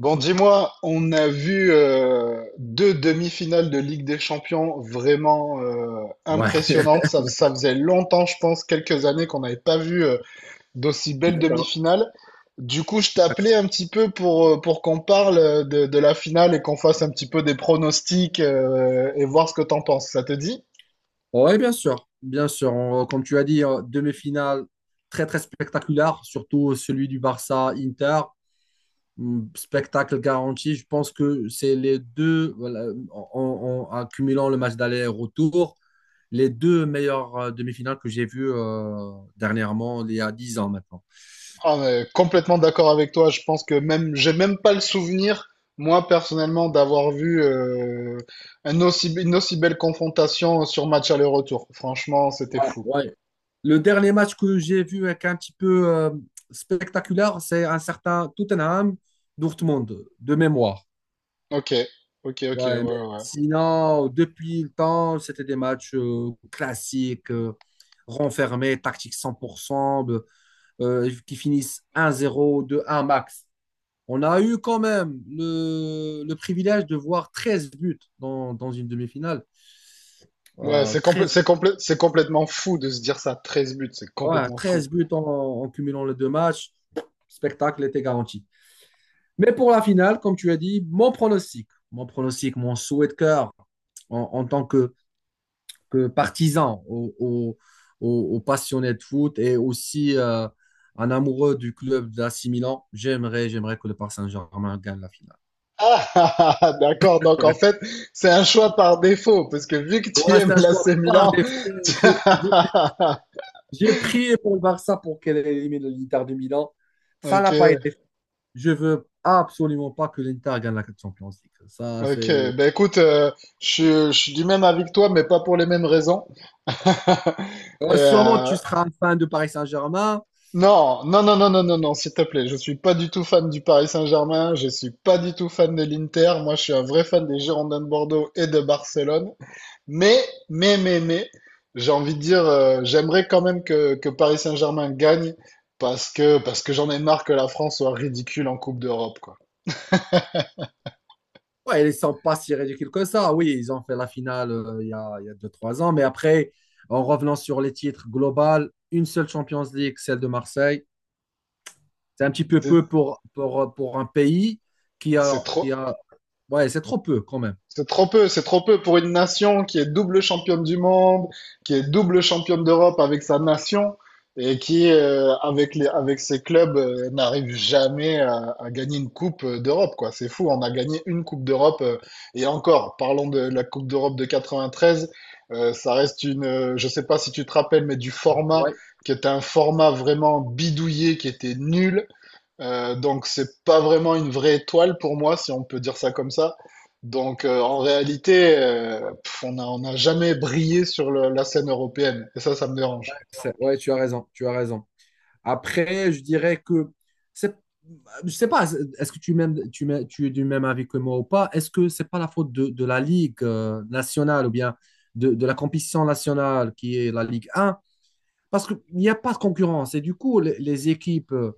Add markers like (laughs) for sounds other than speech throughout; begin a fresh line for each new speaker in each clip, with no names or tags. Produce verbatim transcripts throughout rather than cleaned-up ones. Bon, dis-moi, on a vu euh, deux demi-finales de Ligue des Champions vraiment euh,
Ouais. (laughs)
impressionnantes. Ça, ça faisait longtemps, je pense, quelques années qu'on n'avait pas vu euh, d'aussi belles
D'accord.
demi-finales. Du coup, je t'appelais un petit peu pour, euh, pour qu'on parle euh, de, de la finale et qu'on fasse un petit peu des pronostics euh, et voir ce que t'en penses. Ça te dit?
Ouais, bien sûr, bien sûr. On- comme tu as dit, euh, demi-finale très très spectaculaire, surtout celui du Barça-Inter. Hum, Spectacle garanti. Je pense que c'est les deux, voilà, en, en- en accumulant le match d'aller-retour, les deux meilleures euh, demi-finales que j'ai vues euh, dernièrement, il y a dix ans maintenant.
Ah, mais complètement d'accord avec toi. Je pense que même, j'ai même pas le souvenir, moi personnellement, d'avoir vu euh, un aussi, une aussi belle confrontation sur match aller-retour. Franchement, c'était fou.
Ouais. Le dernier match que j'ai vu avec un petit peu euh, spectaculaire, c'est un certain Tottenham-Dortmund, de mémoire.
Ok, ok, ok, ouais,
Ouais, mais
ouais.
sinon, depuis le temps, c'était des matchs euh, classiques, euh, renfermés, tactique cent pour cent, de- euh, qui finissent un zéro, deux un max. On a eu quand même le, le privilège de voir treize buts dans, dans une demi-finale.
Ouais, ouais,
Euh,
c'est complè-
treize,
c'est complè- c'est complètement fou de se dire ça. Treize buts, c'est
ouais,
complètement fou.
treize buts en, en cumulant les deux matchs. Spectacle était garanti. Mais pour la finale, comme tu as dit, mon pronostic, mon pronostic, mon souhait de cœur en, en tant que que partisan, aux, aux- aux- aux passionnés de foot et aussi euh, un amoureux du club d'A C Milan, j'aimerais, j'aimerais que le Paris Saint-Germain gagne la finale.
Ah, (laughs) ah, ah, ah, d'accord. Donc en fait,
(laughs)
c'est un choix par défaut, parce que vu que tu
Ouais, c'est
aimes
un choix
l'A C
par
Milan,
défaut.
(laughs) tu-
J'ai j'ai-
(laughs)
j'ai prié pour le Barça pour qu'elle élimine l'Inter de Milan. Ça
ok,
n'a pas été fait. Je veux absolument pas que l'Inter gagne la Champions League. Ça,
ok,
c'est...
ben écoute, euh, je, je suis du même avis que toi, mais pas pour les mêmes raisons. Et,
Ouais, sûrement,
euh,
tu seras un fan de Paris Saint-Germain.
non, non, non, non, non, non, non, s'il te plaît, je suis pas du tout fan du Paris Saint-Germain, je suis pas du tout fan de l'Inter, moi je suis un vrai fan des Girondins de Bordeaux et de Barcelone. Mais, mais, mais, mais, j'ai envie de dire, euh, j'aimerais quand même que, que Paris Saint-Germain gagne parce que, parce que j'en ai marre que la France soit ridicule en Coupe d'Europe, quoi.
Ouais, ils sont pas si ridicules que ça. Oui, ils ont fait la finale euh, il y a, il y a deux, trois ans. Mais après, en revenant sur les titres globaux, une seule Champions League, celle de Marseille. C'est un petit peu
C'est
peu pour, pour, pour un pays qui
c'est
a, qui
trop,
a... Ouais, c'est trop peu quand même.
c'est trop peu, c'est trop peu pour une nation qui est double championne du monde, qui est double championne d'Europe avec sa nation et qui, euh, avec les, avec ses clubs, euh, n'arrive jamais à, à gagner une coupe euh, d'Europe, quoi. C'est fou, on a gagné une coupe d'Europe euh, et encore, parlons de la coupe d'Europe de quatre-vingt-treize, euh, ça reste une, euh, je sais pas si tu te rappelles, mais du format
Ouais,
qui était un format vraiment bidouillé, qui était nul euh, donc c'est pas vraiment une vraie étoile pour moi, si on peut dire ça comme ça. Donc euh, en réalité, euh, pff, on a, on n'a jamais brillé sur le- la scène européenne. Et ça, ça me dérange.
c'est- ouais, tu as raison, tu as raison. Après, je dirais que c'est, je sais pas, est-ce que tu m'aimes- tu m'aimes- tu es du même avis que moi ou pas? Est-ce que c'est pas la faute de, de la Ligue euh, nationale ou bien de, de la compétition nationale qui est la Ligue un? Parce qu'il n'y a pas de concurrence. Et du coup, les, les équipes, euh,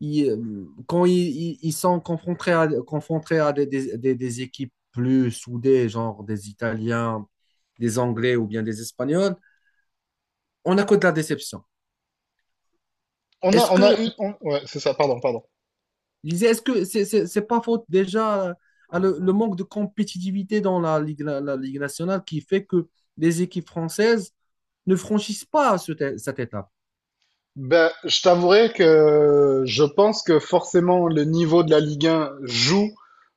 ils, euh, quand ils, ils- ils sont confrontés à, confrontés à des, des- des- des équipes plus soudées, genre des Italiens, des Anglais ou bien des Espagnols, on a que de la déception.
On a,
Est-ce
on a
que,
eu... on- Ouais, c'est ça, pardon, pardon.
je disais, est-ce que c'est, c'est- c'est pas faute déjà à le, le manque de compétitivité dans la Ligue, la, la Ligue nationale qui fait que les équipes françaises ne franchissent pas ce- cette étape?
Ben, je t'avouerai que je pense que forcément le niveau de la Ligue un joue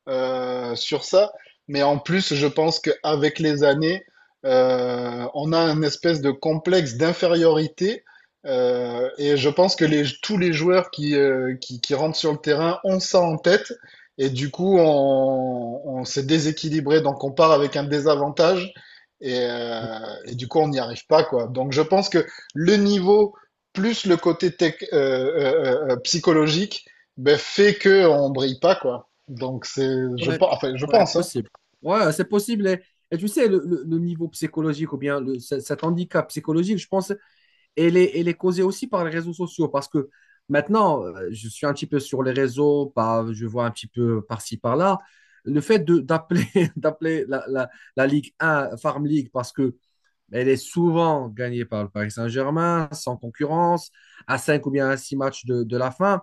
euh, sur ça, mais en plus je pense qu'avec les années, euh, on a un espèce de complexe d'infériorité euh, et je pense que les, tous les joueurs qui, euh, qui, qui rentrent sur le terrain ont ça en tête et du coup on, on s'est déséquilibré, donc on part avec un désavantage et, euh, et du coup on n'y arrive pas quoi. Donc je pense que le niveau plus le côté tech, euh, euh, euh, euh, psychologique, ben, fait qu'on brille pas, quoi. Donc, c'est, je,
Ouais,
pen- enfin, je
ouais,
pense, hein.
possible. Ouais, c'est possible. Et, et tu sais, le, le- le niveau psychologique ou bien le, ce- cet handicap psychologique, je pense, elle est, elle est causée aussi par les réseaux sociaux parce que maintenant, euh, je suis un petit peu sur les réseaux, par- je vois un petit peu par-ci, par-là. Le fait de- d'appeler (laughs) d'appeler la, la, la Ligue un Farm League parce que elle est souvent gagnée par le Paris Saint-Germain, sans concurrence, à cinq ou bien à six matchs de, de la fin.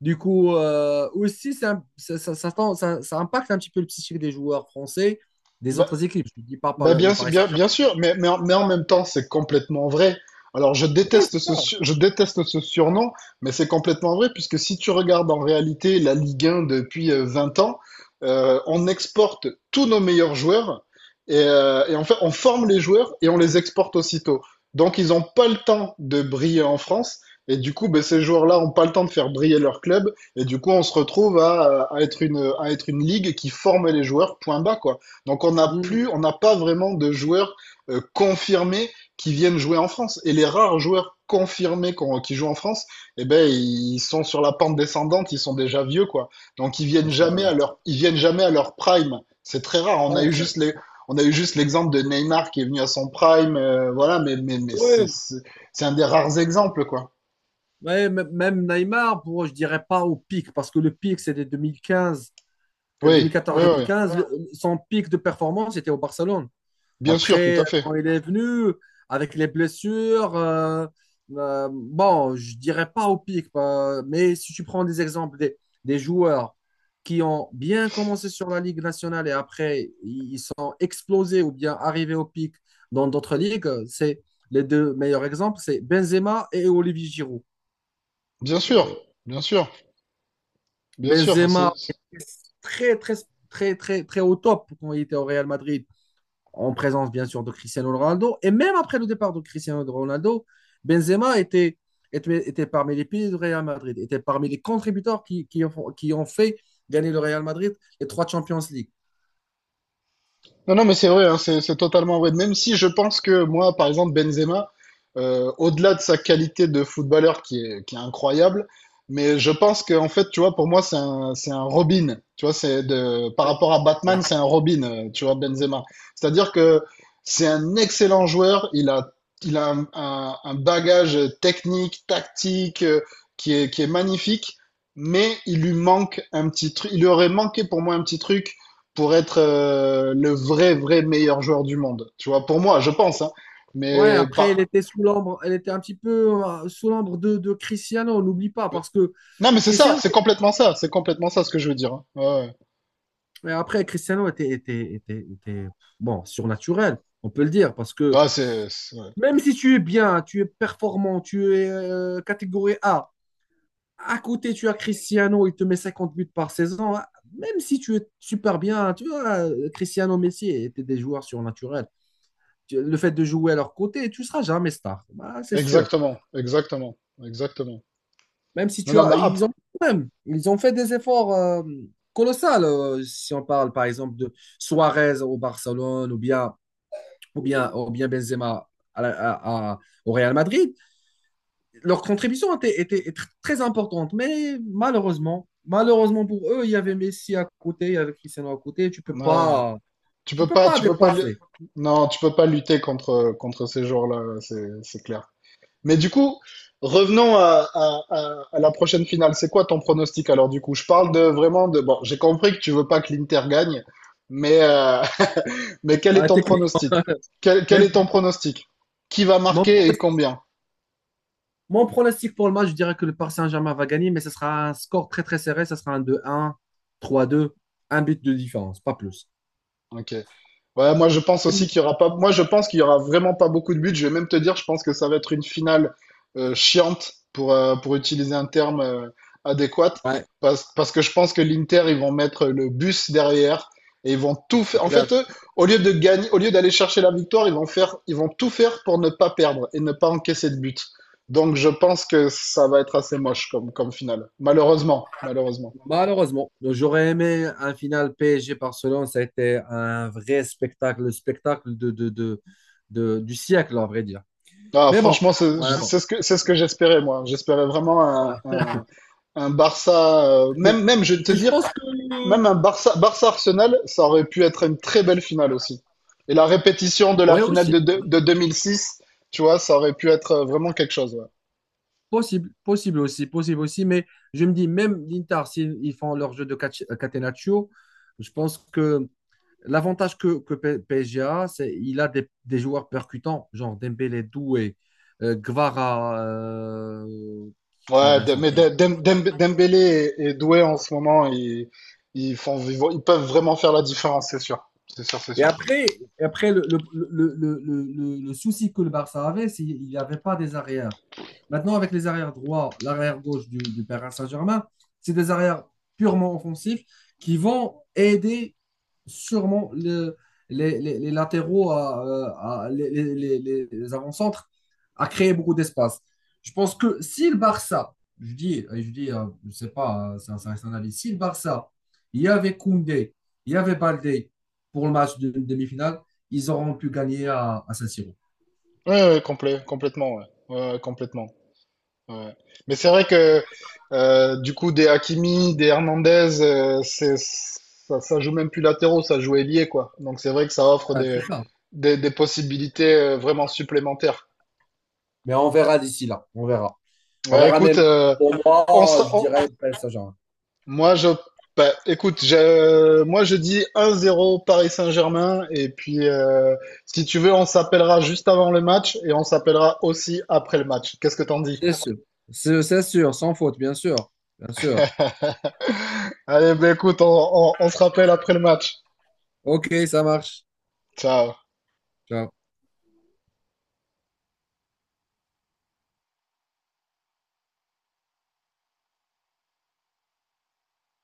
Du coup, euh, aussi, ça, ça, ça- ça tend- ça- ça impacte un petit peu le psychique des joueurs français des
Ben,
autres équipes. Je ne dis pas par
Ben
le, le
bien, su-
Paris
bien, bien
Saint-Germain.
sûr, mais, mais, en mais en même temps, c'est complètement vrai. Alors, je
Oui, c'est
déteste
ça.
ce, su- je déteste ce surnom, mais c'est complètement vrai, puisque si tu regardes en réalité la Ligue un depuis euh, vingt ans, euh, on exporte tous nos meilleurs joueurs, et, euh, et en fait, on forme les joueurs et on les exporte aussitôt. Donc, ils n'ont pas le temps de briller en France, et du coup, ben, ces joueurs-là n'ont pas le temps de faire briller leur club, et du coup, on se retrouve à, à être une, à être une ligue qui forme les joueurs, point bas, quoi. Donc on n'a
Mmh,
plus, on n'a pas vraiment de joueurs euh, confirmés qui viennent jouer en France. Et les rares joueurs confirmés qu'on- qui jouent en France, eh ben ils sont sur la pente descendante, ils sont déjà vieux quoi. Donc ils
bah,
viennent
c'est
jamais à
raison.
leur, ils viennent jamais à leur prime. C'est très rare. On a
Ouais,
eu
ça-
juste les, on a eu juste l'exemple de Neymar qui est venu à son prime, euh, voilà. Mais mais mais
ouais,
c'est c'est c'est un des rares exemples quoi.
ouais, m- même Neymar, pour, je dirais pas au pic, parce que le pic, c'était deux mille quinze,
Oui, oui, oui, oui.
deux mille quatorze-deux mille quinze. Son pic de performance était au Barcelone.
Bien sûr, tout
Après,
à fait,
quand il est venu, avec les blessures, euh, euh, bon, je dirais pas au pic, pas- mais si tu prends des exemples des, des joueurs qui ont bien commencé sur la Ligue nationale et après ils sont explosés ou bien arrivés au pic dans d'autres ligues, c'est les deux meilleurs exemples, c'est Benzema et Olivier Giroud.
bien sûr,
Euh,
bien sûr, bien sûr. C'est
Benzema était très, très, très, très, très au top quand il était au Real Madrid. En présence bien sûr de Cristiano Ronaldo. Et même après le départ de Cristiano Ronaldo, Benzema était, était, était parmi les piliers du Real Madrid, était parmi les contributeurs qui, qui, ont, qui ont fait gagner le Real Madrid les trois Champions League.
non, non, mais c'est vrai, hein, c'est c'est totalement vrai. Même si je pense que moi, par exemple, Benzema, euh, au-delà de sa qualité de footballeur qui est, qui est incroyable, mais je pense que en fait, tu vois, pour moi, c'est un, c'est un Robin. Tu vois, c'est de, par rapport à Batman, c'est un Robin, euh, tu vois, Benzema. C'est-à-dire que c'est un excellent joueur. Il a, il a un, un- un bagage technique, tactique, euh, qui est, qui est magnifique, mais il lui manque un petit truc. Il lui aurait manqué pour moi un petit truc pour être euh, le vrai, vrai meilleur joueur du monde. Tu vois, pour moi, je pense, hein.
Ouais,
Mais
après, elle
pas.
était sous l'ombre, elle était un petit peu euh, sous l'ombre de, de Cristiano, on n'oublie pas, parce que
Non, mais c'est ça,
Cristiano,
c'est complètement ça, c'est complètement ça ce que je veux dire, hein. Ouais,
mais après, Cristiano était, était, était, était, bon, surnaturel, on peut le dire, parce
ouais.
que
Ouais, c'est c'est- ouais.
même si tu es bien, tu es performant, tu es euh, catégorie A, À côté, tu as Cristiano, il te met cinquante buts par saison. Hein. Même si tu es super bien, tu vois, Cristiano Messi étaient des joueurs surnaturels. Tu- Le fait de jouer à leur côté, tu seras jamais star. Bah, c'est sûr.
Exactement, exactement, exactement.
Même si
Non,
tu
non, mais
as,
hop,
ils ont même, ils ont fait des efforts euh, colossaux. Euh, si on parle par exemple de Suarez au Barcelone ou bien ou bien ou bien Benzema à la- à- à- au Real Madrid. Leur contribution était, était, était très importante, mais malheureusement, malheureusement pour eux, il y avait Messi à côté, il y avait Cristiano à côté, tu peux
ouais.
pas,
Tu
tu
peux
peux
pas,
pas
tu peux pas, lu-
dépasser.
Non, tu peux pas lutter contre contre ces joueurs-là, c'est c'est clair. Mais du coup, revenons à, à, à, à la prochaine finale. C'est quoi ton pronostic alors du coup? Je parle de vraiment de, bon, j'ai compris que tu veux pas que l'Inter gagne, mais euh, mais quel est
Bah,
ton
techniquement.
pronostic?
(laughs)
Quel, quel
Mais
est ton pronostic? Qui va
mon,
marquer et
pronostic-
combien?
mon pronostic pour le match, je dirais que le Paris Saint-Germain va gagner, mais ce sera un score très très serré, ce sera un deux un trois deux un but de différence, pas plus.
Ok. Ouais, moi je pense aussi qu'il y aura pas. Moi je pense qu'il y aura vraiment pas beaucoup de buts. Je vais même te dire, je pense que ça va être une finale euh, chiante pour euh, pour utiliser un terme euh, adéquat,
Ouais,
parce parce que je pense que l'Inter ils vont mettre le bus derrière et ils vont tout
c'est
faire. En
clair.
fait, eux, au lieu de gagner, au lieu d'aller chercher la victoire, ils vont faire, ils vont tout faire pour ne pas perdre et ne pas encaisser de but. Donc je pense que ça va être assez moche comme comme finale. Malheureusement, malheureusement.
Malheureusement, j'aurais aimé un final P S G-Barcelone, ça a été un vrai spectacle, le spectacle de, de, de, de- du siècle, à vrai dire.
Ah,
Mais bon,
franchement, c'est
voilà, bon.
c'est ce que c'est ce que j'espérais moi. J'espérais vraiment un, un un Barça, euh,
Mais,
même, même, je vais te
mais je
dire,
pense que,
même un Barça, Barça Arsenal, ça aurait pu être une très belle finale aussi. Et la répétition de la
ouais
finale
aussi,
de, de, de deux mille six, tu vois, ça aurait pu être euh, vraiment quelque chose. Ouais,
possible, possible aussi, possible aussi. Mais je me dis, même l'Inter, s'ils ils font leur jeu de catch- euh, Catenaccio, je pense que l'avantage que, que P- PSG a, c'est qu'il a des, des joueurs percutants, genre Dembélé, Doué, euh, Gvara, euh, qui qui me
ouais de-
reste
mais
encore.
de- Dem- Dem- Dembélé et, et Doué en ce moment, ils, ils font, ils vont- ils peuvent vraiment faire la différence, c'est sûr. C'est sûr, c'est
Et
sûr.
après, et après le, le, le, le, le- le souci que le Barça avait, c'est qu'il n'y avait pas des arrières. Maintenant, avec les arrières droits, l'arrière gauche du, du Paris Saint-Germain, c'est des arrières purement offensifs qui vont aider sûrement le- les, les- les latéraux, à, euh, à- les, les- les- les avant-centres, à créer beaucoup d'espace. Je pense que si le Barça, je dis, je dis, euh, je ne sais pas, euh, ça, ça reste un avis, si le Barça, il y avait Koundé, il y avait Baldé, pour le match de demi-finale, ils auront pu gagner à, à Saint-Siro.
Ouais, ouais, complè- complètement, ouais. Ouais, ouais, complètement. Ouais. Mais c'est vrai que euh, du coup, des Hakimi, des Hernandez, euh, c'est, ça, ça joue même plus latéraux, ça joue ailier, quoi. Donc c'est vrai que ça offre
Voilà, c'est
des,
ça.
des, des possibilités euh, vraiment supplémentaires.
Mais on verra d'ici là. On verra. On
Ouais,
verra.
écoute,
Même
euh,
pour
on
moi,
sera,
je
on-
dirais Paris Saint-Germain.
moi je, bah, écoute, je, moi je dis un zéro Paris Saint-Germain et puis euh, si tu veux, on s'appellera juste avant le match et on s'appellera aussi après le match. Qu'est-ce que t'en dis?
C'est sûr. C'est c'est sûr, sans faute, bien sûr. Bien sûr.
(laughs) Allez, bah, écoute, on on- on se rappelle après le match.
Ok, ça marche.
Ciao.
Ciao.